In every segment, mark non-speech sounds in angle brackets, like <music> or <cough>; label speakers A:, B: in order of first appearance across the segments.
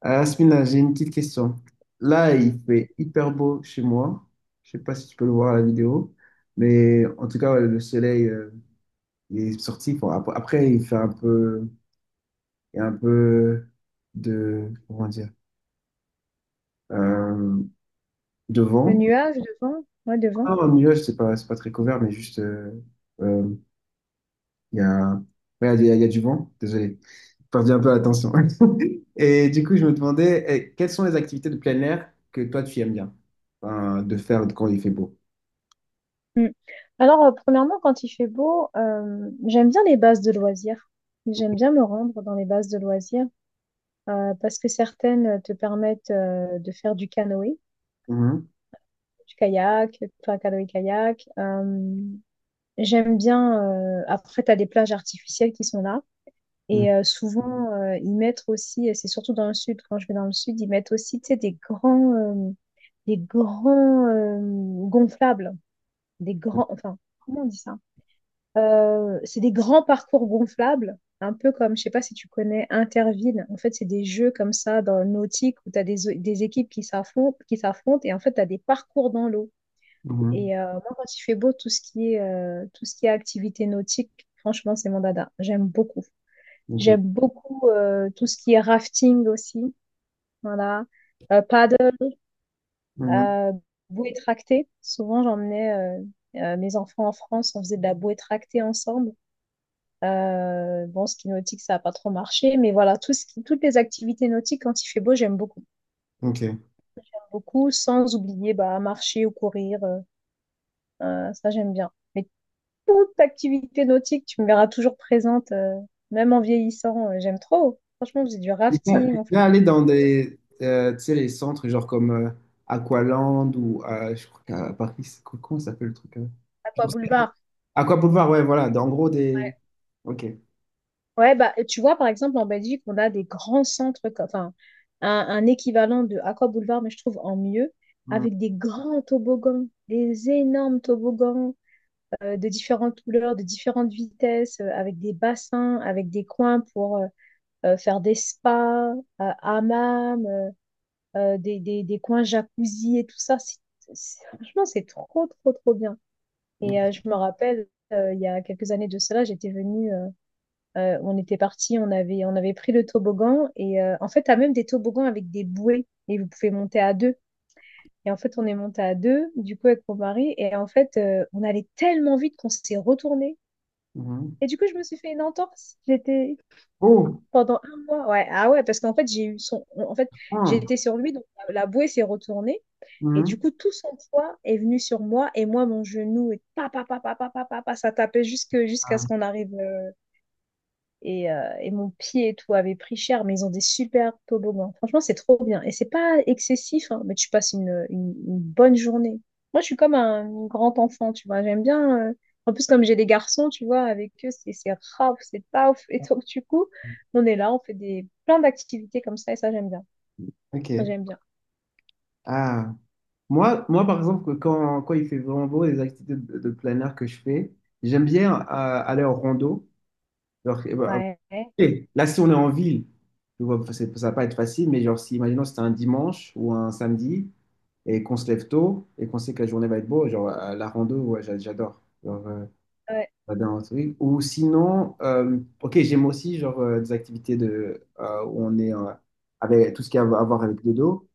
A: Ah, Asmina, j'ai une petite question. Là, il fait hyper beau chez moi. Je sais pas si tu peux le voir à la vidéo, mais en tout cas, ouais, le soleil il est sorti. Bon, après, il fait un peu, il y a un peu de, comment dire, euh, de
B: Le
A: vent.
B: nuage devant? Ouais, devant.
A: Ah, un nuage, c'est pas très couvert, mais juste, euh, il y a, ouais, il y a du vent. Désolé, j'ai perdu un peu l'attention. <laughs> Et du coup, je me demandais, eh, quelles sont les activités de plein air que toi, tu aimes bien, de faire quand il fait beau?
B: Mm. Alors, premièrement, quand il fait beau, j'aime bien les bases de loisirs. J'aime bien me rendre dans les bases de loisirs parce que certaines te permettent de faire du canoë,
A: Mhm,
B: du kayak, enfin canoë-kayak. J'aime bien, après, tu as des plages artificielles qui sont là.
A: mhm,
B: Et souvent, ils mettent aussi, et c'est surtout dans le sud, quand je vais dans le sud, ils mettent aussi, tu sais, des grands gonflables. Des grands, enfin, comment on dit ça? C'est des grands parcours gonflables, un peu comme, je sais pas si tu connais Interville. En fait, c'est des jeux comme ça dans le nautique où tu as des équipes qui s'affrontent et en fait, tu as des parcours dans l'eau.
A: mhm.
B: Et moi, quand il fait beau, tout ce qui est activité nautique, franchement, c'est mon dada. J'aime beaucoup.
A: Ok.
B: J'aime beaucoup tout ce qui est rafting aussi. Voilà. Paddle,
A: Mhm,
B: Euh, bouée tractée. Souvent, j'emmenais mes enfants en France, on faisait de la bouée tractée ensemble. Bon, ski nautique, ça n'a pas trop marché, mais voilà, toutes les activités nautiques, quand il fait beau, j'aime beaucoup.
A: ok.
B: Beaucoup, sans oublier bah, marcher ou courir, ça j'aime bien. Mais toute activité nautique, tu me verras toujours présente, même en vieillissant, j'aime trop. Franchement, on faisait du
A: T'es déjà
B: rafting, on fait
A: déjà allé dans des, tu sais, les centres genre comme Aqualand ou je crois qu'à Paris, comment ça s'appelle le truc?
B: aqua
A: Genre, c'est-
B: boulevard.
A: Aqua Boulevard, ouais, voilà. En gros, des. Ok.
B: Ouais, bah, tu vois, par exemple, en Belgique, on a des grands centres, enfin, un équivalent de Aqua Boulevard, mais je trouve en mieux,
A: Mhm,
B: avec des grands toboggans, des énormes toboggans de différentes couleurs, de différentes vitesses, avec des bassins, avec des coins pour faire des spas, hammams, des coins jacuzzi et tout ça. Franchement, c'est trop, trop, trop bien. Et je me rappelle, il y a quelques années de cela, j'étais venue. On était parti, on avait pris le toboggan et en fait, tu as même des toboggans avec des bouées et vous pouvez monter à deux. Et en fait, on est monté à deux, du coup, avec mon mari. Et en fait, on allait tellement vite qu'on s'est retourné.
A: mhm.
B: Et du coup, je me suis fait une entorse. J'étais
A: Oh!
B: pendant un mois. Ouais, ah ouais, parce qu'en fait, j'ai eu son. En fait,
A: Ah,
B: j'étais sur lui, donc la bouée s'est retournée. Et du
A: mhm.
B: coup, tout son poids est venu sur moi. Et moi, mon genou, et pa, pa, pa, pa, pa, pa, pa, pa, ça tapait jusque, jusqu'à
A: Ah,
B: ce qu'on arrive et mon pied et tout avait pris cher, mais ils ont des super toboggans. Franchement, c'est trop bien. Et c'est pas excessif, hein, mais tu passes une bonne journée. Moi, je suis comme un grand enfant, tu vois. J'aime bien. En plus, comme j'ai des garçons, tu vois, avec eux, c'est raf, c'est paf. Et donc, du coup, on est là, on fait des plein d'activités comme ça, et ça, j'aime bien. Ça,
A: ok.
B: j'aime bien.
A: Ah. Moi, par exemple, quand il fait vraiment beau, les activités de plein air que je fais, j'aime bien aller en rando. Alors,
B: Ouais.
A: et là, si on est en ville, tu vois, ça va pas être facile, mais genre, si, imaginons, c'était un dimanche ou un samedi et qu'on se lève tôt et qu'on sait que la journée va être beau, genre, la rando, ouais, j'adore. Genre,
B: Ouais.
A: j'adore un truc. Ou sinon, ok, j'aime aussi, genre, des activités de, où on est avec tout ce qui a à voir avec le dos,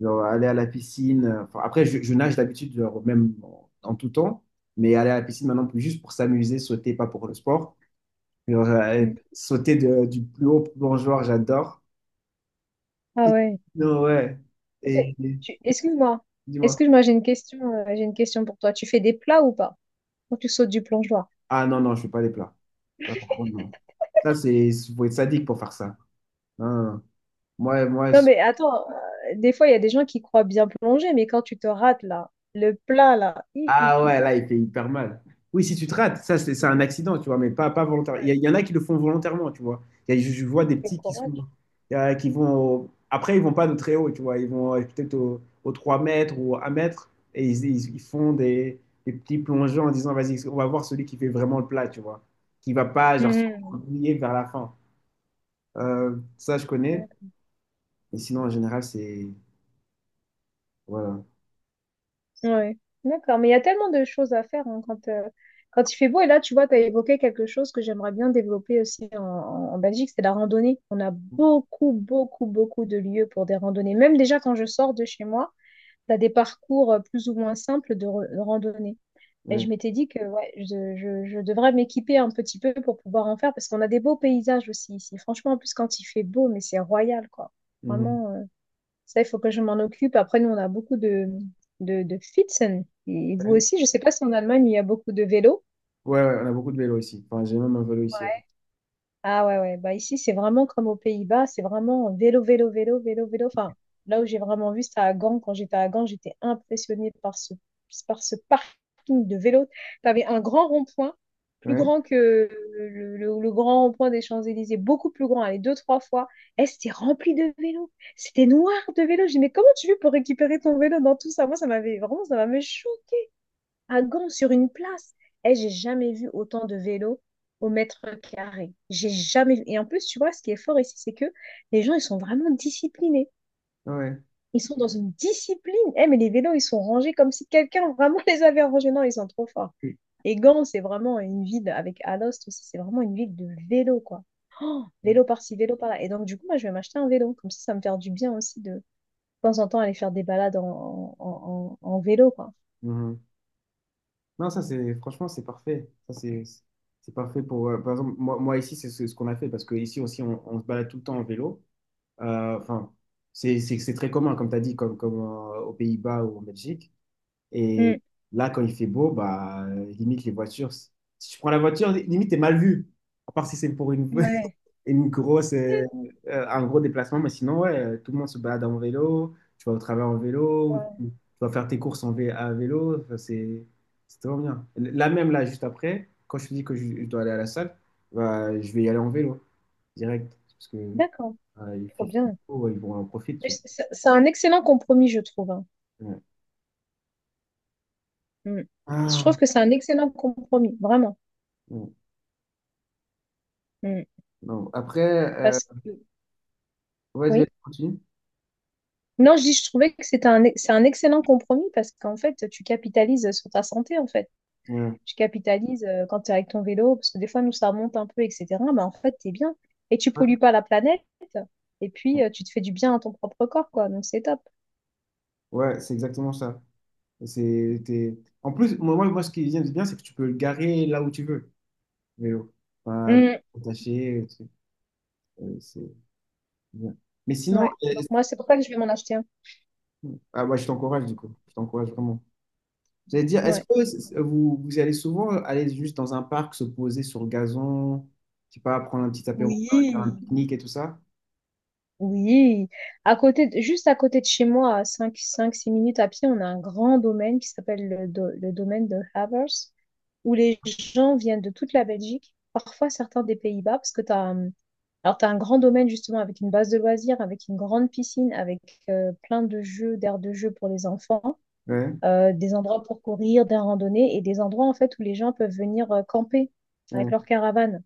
A: genre, aller à la piscine. Enfin, après, je nage d'habitude, genre, même en tout temps, mais aller à la piscine maintenant, plus juste pour s'amuser, sauter, pas pour le sport. Genre,
B: Mm.
A: sauter du plus haut plongeoir, j'adore.
B: Ah
A: Et
B: ouais.
A: non, ouais. Et
B: C'est-
A: et-
B: Excuse-moi.
A: dis-moi.
B: Excuse-moi, j'ai une question. J'ai une question pour toi. Tu fais des plats ou pas? Quand tu sautes du plongeoir.
A: Ah non, non, je fais pas les plats. Ça, par contre, non. Ça, c'est, faut être sadique pour faire ça. Non, non, non. Moi, moi,
B: Non, mais attends, des fois, il y a des gens qui croient bien plonger, mais quand tu te rates, là, le plat, là, hi, hi,
A: ah
B: hi.
A: ouais, là, il fait hyper mal. Oui, si tu te rates, ça, c'est
B: Ouais,
A: un accident, tu vois, mais pas, pas volontaire.
B: ouais.
A: Il y en a qui le font volontairement, tu vois. Je vois des
B: Quel
A: petits qui sont,
B: courage.
A: qui vont, après, ils vont pas de très haut, tu vois. Ils vont peut-être au 3 mètres ou à 1 mètre et ils font des petits plongeons en disant, vas-y, on va voir celui qui fait vraiment le plat, tu vois. Qui va pas, genre, se
B: Mhm.
A: rouiller vers la fin. Ça, je connais.
B: D'accord.
A: Mais sinon, en général, c'est, voilà.
B: Ouais. D'accord, mais il y a tellement de choses à faire hein, quand il fait beau. Et là, tu vois, tu as évoqué quelque chose que j'aimerais bien développer aussi en Belgique, c'est la randonnée. On a beaucoup, beaucoup, beaucoup de lieux pour des randonnées. Même déjà quand je sors de chez moi, tu as des parcours plus ou moins simples de randonnée. Et
A: Ouais.
B: je m'étais dit que ouais, je devrais m'équiper un petit peu pour pouvoir en faire parce qu'on a des beaux paysages aussi ici. Franchement, en plus, quand il fait beau, mais c'est royal, quoi.
A: Mhm.
B: Vraiment, ça, il faut que je m'en occupe. Après, nous, on a beaucoup de, de Pfützen. Et vous aussi, je sais pas si en Allemagne, il y a beaucoup de vélos.
A: Ouais, ouais, on a beaucoup de vélos ici. Enfin, j'ai même un vélo ici.
B: Ah ouais, ouais. Bah, ici, c'est vraiment comme aux Pays-Bas, c'est vraiment vélo, vélo, vélo, vélo, vélo. Enfin, là où j'ai vraiment vu, c'était à Gand. Quand j'étais à Gand, j'étais impressionnée par par ce parking de vélo. Tu avais un grand rond-point, plus
A: Ouais,
B: grand que le grand rond-point des Champs-Élysées, beaucoup plus grand, allez, deux, trois fois. Et c'était rempli de vélos. C'était noir de vélos. J'ai dit, mais comment tu fais pour récupérer ton vélo dans tout ça? Moi, ça m'avait vraiment, ça m'avait choqué à Gand sur une place. Eh, j'ai jamais vu autant de vélos au mètre carré. J'ai jamais vu. Et en plus, tu vois, ce qui est fort ici, c'est que les gens, ils sont vraiment disciplinés.
A: ouais.
B: Ils sont dans une discipline. Eh, mais les vélos, ils sont rangés comme si quelqu'un <laughs> vraiment les avait rangés. Non, ils sont trop forts. Et Gand, c'est vraiment une ville, avec Alost aussi, c'est vraiment une ville de vélo, quoi. Oh, vélo par-ci, vélo par-là. Et donc, du coup, moi, je vais m'acheter un vélo. Comme ça me fait du bien aussi de temps en temps, aller faire des balades en vélo, quoi.
A: Mhm. Non, ça c'est franchement c'est parfait. Ça c'est parfait pour par exemple moi, moi ici c'est ce, ce qu'on a fait parce que ici aussi on se balade tout le temps en vélo. Enfin c'est très commun comme tu as dit comme aux Pays-Bas ou en Belgique. Et
B: Hmm.
A: là quand il fait beau bah limite les voitures si tu prends la voiture limite t'es mal vu à part si c'est pour une <laughs>
B: Ouais.
A: une grosse, un gros déplacement, mais sinon, ouais, tout le monde se balade en vélo, tu vas au travail en vélo,
B: Ouais.
A: tu vas faire tes courses à vélo, enfin, c'est vraiment bien. Là même, là, juste après, quand je te dis que je dois aller à la salle, bah, je vais y aller en vélo, direct, parce que
B: D'accord. Trop
A: il
B: bien.
A: faut, ouais, ils vont en profiter.
B: Mais
A: Tu
B: c'est un excellent compromis, je trouve, hein.
A: vois. Ouais.
B: Mm. Je trouve
A: Ah,
B: que c'est un excellent compromis, vraiment.
A: non.
B: Mm.
A: Non. Après, euh,
B: Parce que,
A: vas-y, vas-y,
B: oui.
A: continue.
B: Non, je dis, je trouvais que c'était c'est un excellent compromis parce qu'en fait, tu capitalises sur ta santé, en fait.
A: Ouais,
B: Tu capitalises quand tu es avec ton vélo, parce que des fois, nous, ça remonte un peu, etc. Mais en fait, tu es bien. Et tu pollues pas la planète. Et puis, tu te fais du bien à ton propre corps, quoi. Donc, c'est top.
A: ouais, c'est exactement ça. C'est, t'es- en plus, moi, ce qui vient de bien, c'est que tu peux le garer là où tu veux. Vélo. Pas
B: Mm.
A: attaché, le truc. C'est bien. Mais sinon,
B: Ouais. Donc, moi, c'est pour ça que je vais m'en acheter un.
A: ah ouais, je t'encourage du coup. Je t'encourage vraiment. J'allais dire, est-ce
B: Ouais.
A: que c- vous, vous allez souvent aller juste dans un parc, se poser sur le gazon, je sais pas, prendre un petit apéro, faire un
B: Oui,
A: pique-nique et tout ça?
B: oui, juste à côté de chez moi, à six minutes à pied, on a un grand domaine qui s'appelle le domaine de Havers, où les gens viennent de toute la Belgique, parfois certains des Pays-Bas, parce que alors t'as un grand domaine justement avec une base de loisirs, avec une grande piscine, avec plein de jeux, d'aires de jeu pour les enfants,
A: Ouais,
B: des endroits pour courir, des randonnées et des endroits en fait où les gens peuvent venir camper
A: ouais,
B: avec leur caravane.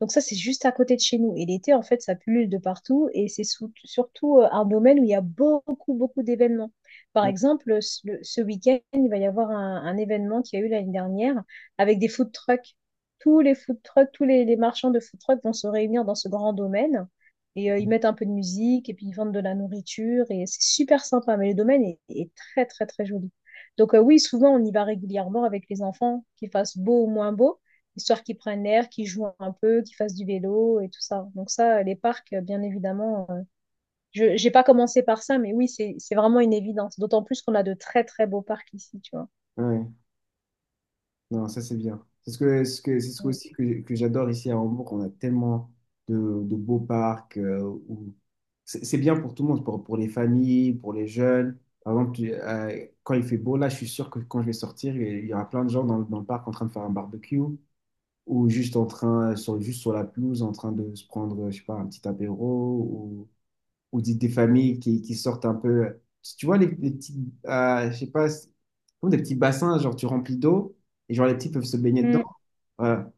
B: Donc ça, c'est juste à côté de chez nous. Et l'été, en fait, ça pullule de partout. Et c'est surtout un domaine où il y a beaucoup, beaucoup d'événements. Par
A: ouais,
B: exemple, ce week-end, il va y avoir un événement qu'il y a eu l'année dernière avec des food trucks. Tous les food trucks, les marchands de food trucks vont se réunir dans ce grand domaine. Et ils mettent un peu de musique et puis ils vendent de la nourriture. Et c'est super sympa. Mais le domaine est très, très, très joli. Donc oui, souvent, on y va régulièrement avec les enfants, qu'il fasse beau ou moins beau histoire qu'ils prennent l'air, qu'ils jouent un peu, qu'ils fassent du vélo et tout ça. Donc ça, les parcs, bien évidemment, je j'ai pas commencé par ça, mais oui, c'est vraiment une évidence. D'autant plus qu'on a de très très beaux parcs ici, tu vois.
A: ouais. Non, ça c'est bien. C'est ce que, c'est ce que aussi que j'adore ici à Hambourg. On a tellement de beaux parcs où c'est bien pour tout le monde, pour les familles, pour les jeunes. Par exemple, quand il fait beau, là, je suis sûr que quand je vais sortir, il y aura plein de gens dans, dans le parc en train de faire un barbecue ou juste en train, sur, juste sur la pelouse, en train de se prendre, je sais pas, un petit apéro ou des familles qui sortent un peu. Tu vois, les petits, je sais pas, c'est comme des petits bassins, genre tu remplis d'eau et genre les petits peuvent se baigner
B: Mm.
A: dedans. Voilà.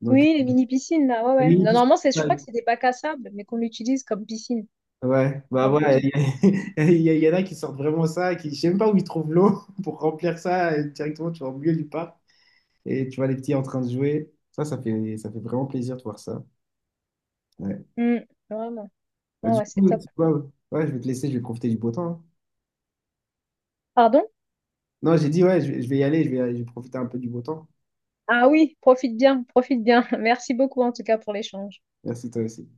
A: Donc,
B: Oui, les mini piscines là, ouais ouais. Non,
A: oui,
B: normalement, c'est je
A: ouais,
B: crois que c'est des bacs à sable, mais qu'on l'utilise comme piscine,
A: ouais. Bah
B: comme
A: voilà,
B: petite.
A: <laughs> il y en a qui sortent vraiment ça, qui, je sais même pas où ils trouvent l'eau <laughs> pour remplir ça et directement, tu vas au milieu du parc et tu vois les petits en train de jouer. Ça, ça fait vraiment plaisir de voir ça. Ouais.
B: Mm. Vraiment.
A: Bah,
B: Ouais,
A: du
B: ouais, c'est
A: coup,
B: top.
A: tu vois, ouais, je vais te laisser, je vais profiter du beau temps. Hein.
B: Pardon?
A: Non, j'ai dit, ouais, je vais y aller, je vais profiter un peu du beau temps.
B: Ah oui, profite bien, profite bien. <laughs> Merci beaucoup en tout cas pour l'échange.
A: Merci, toi aussi.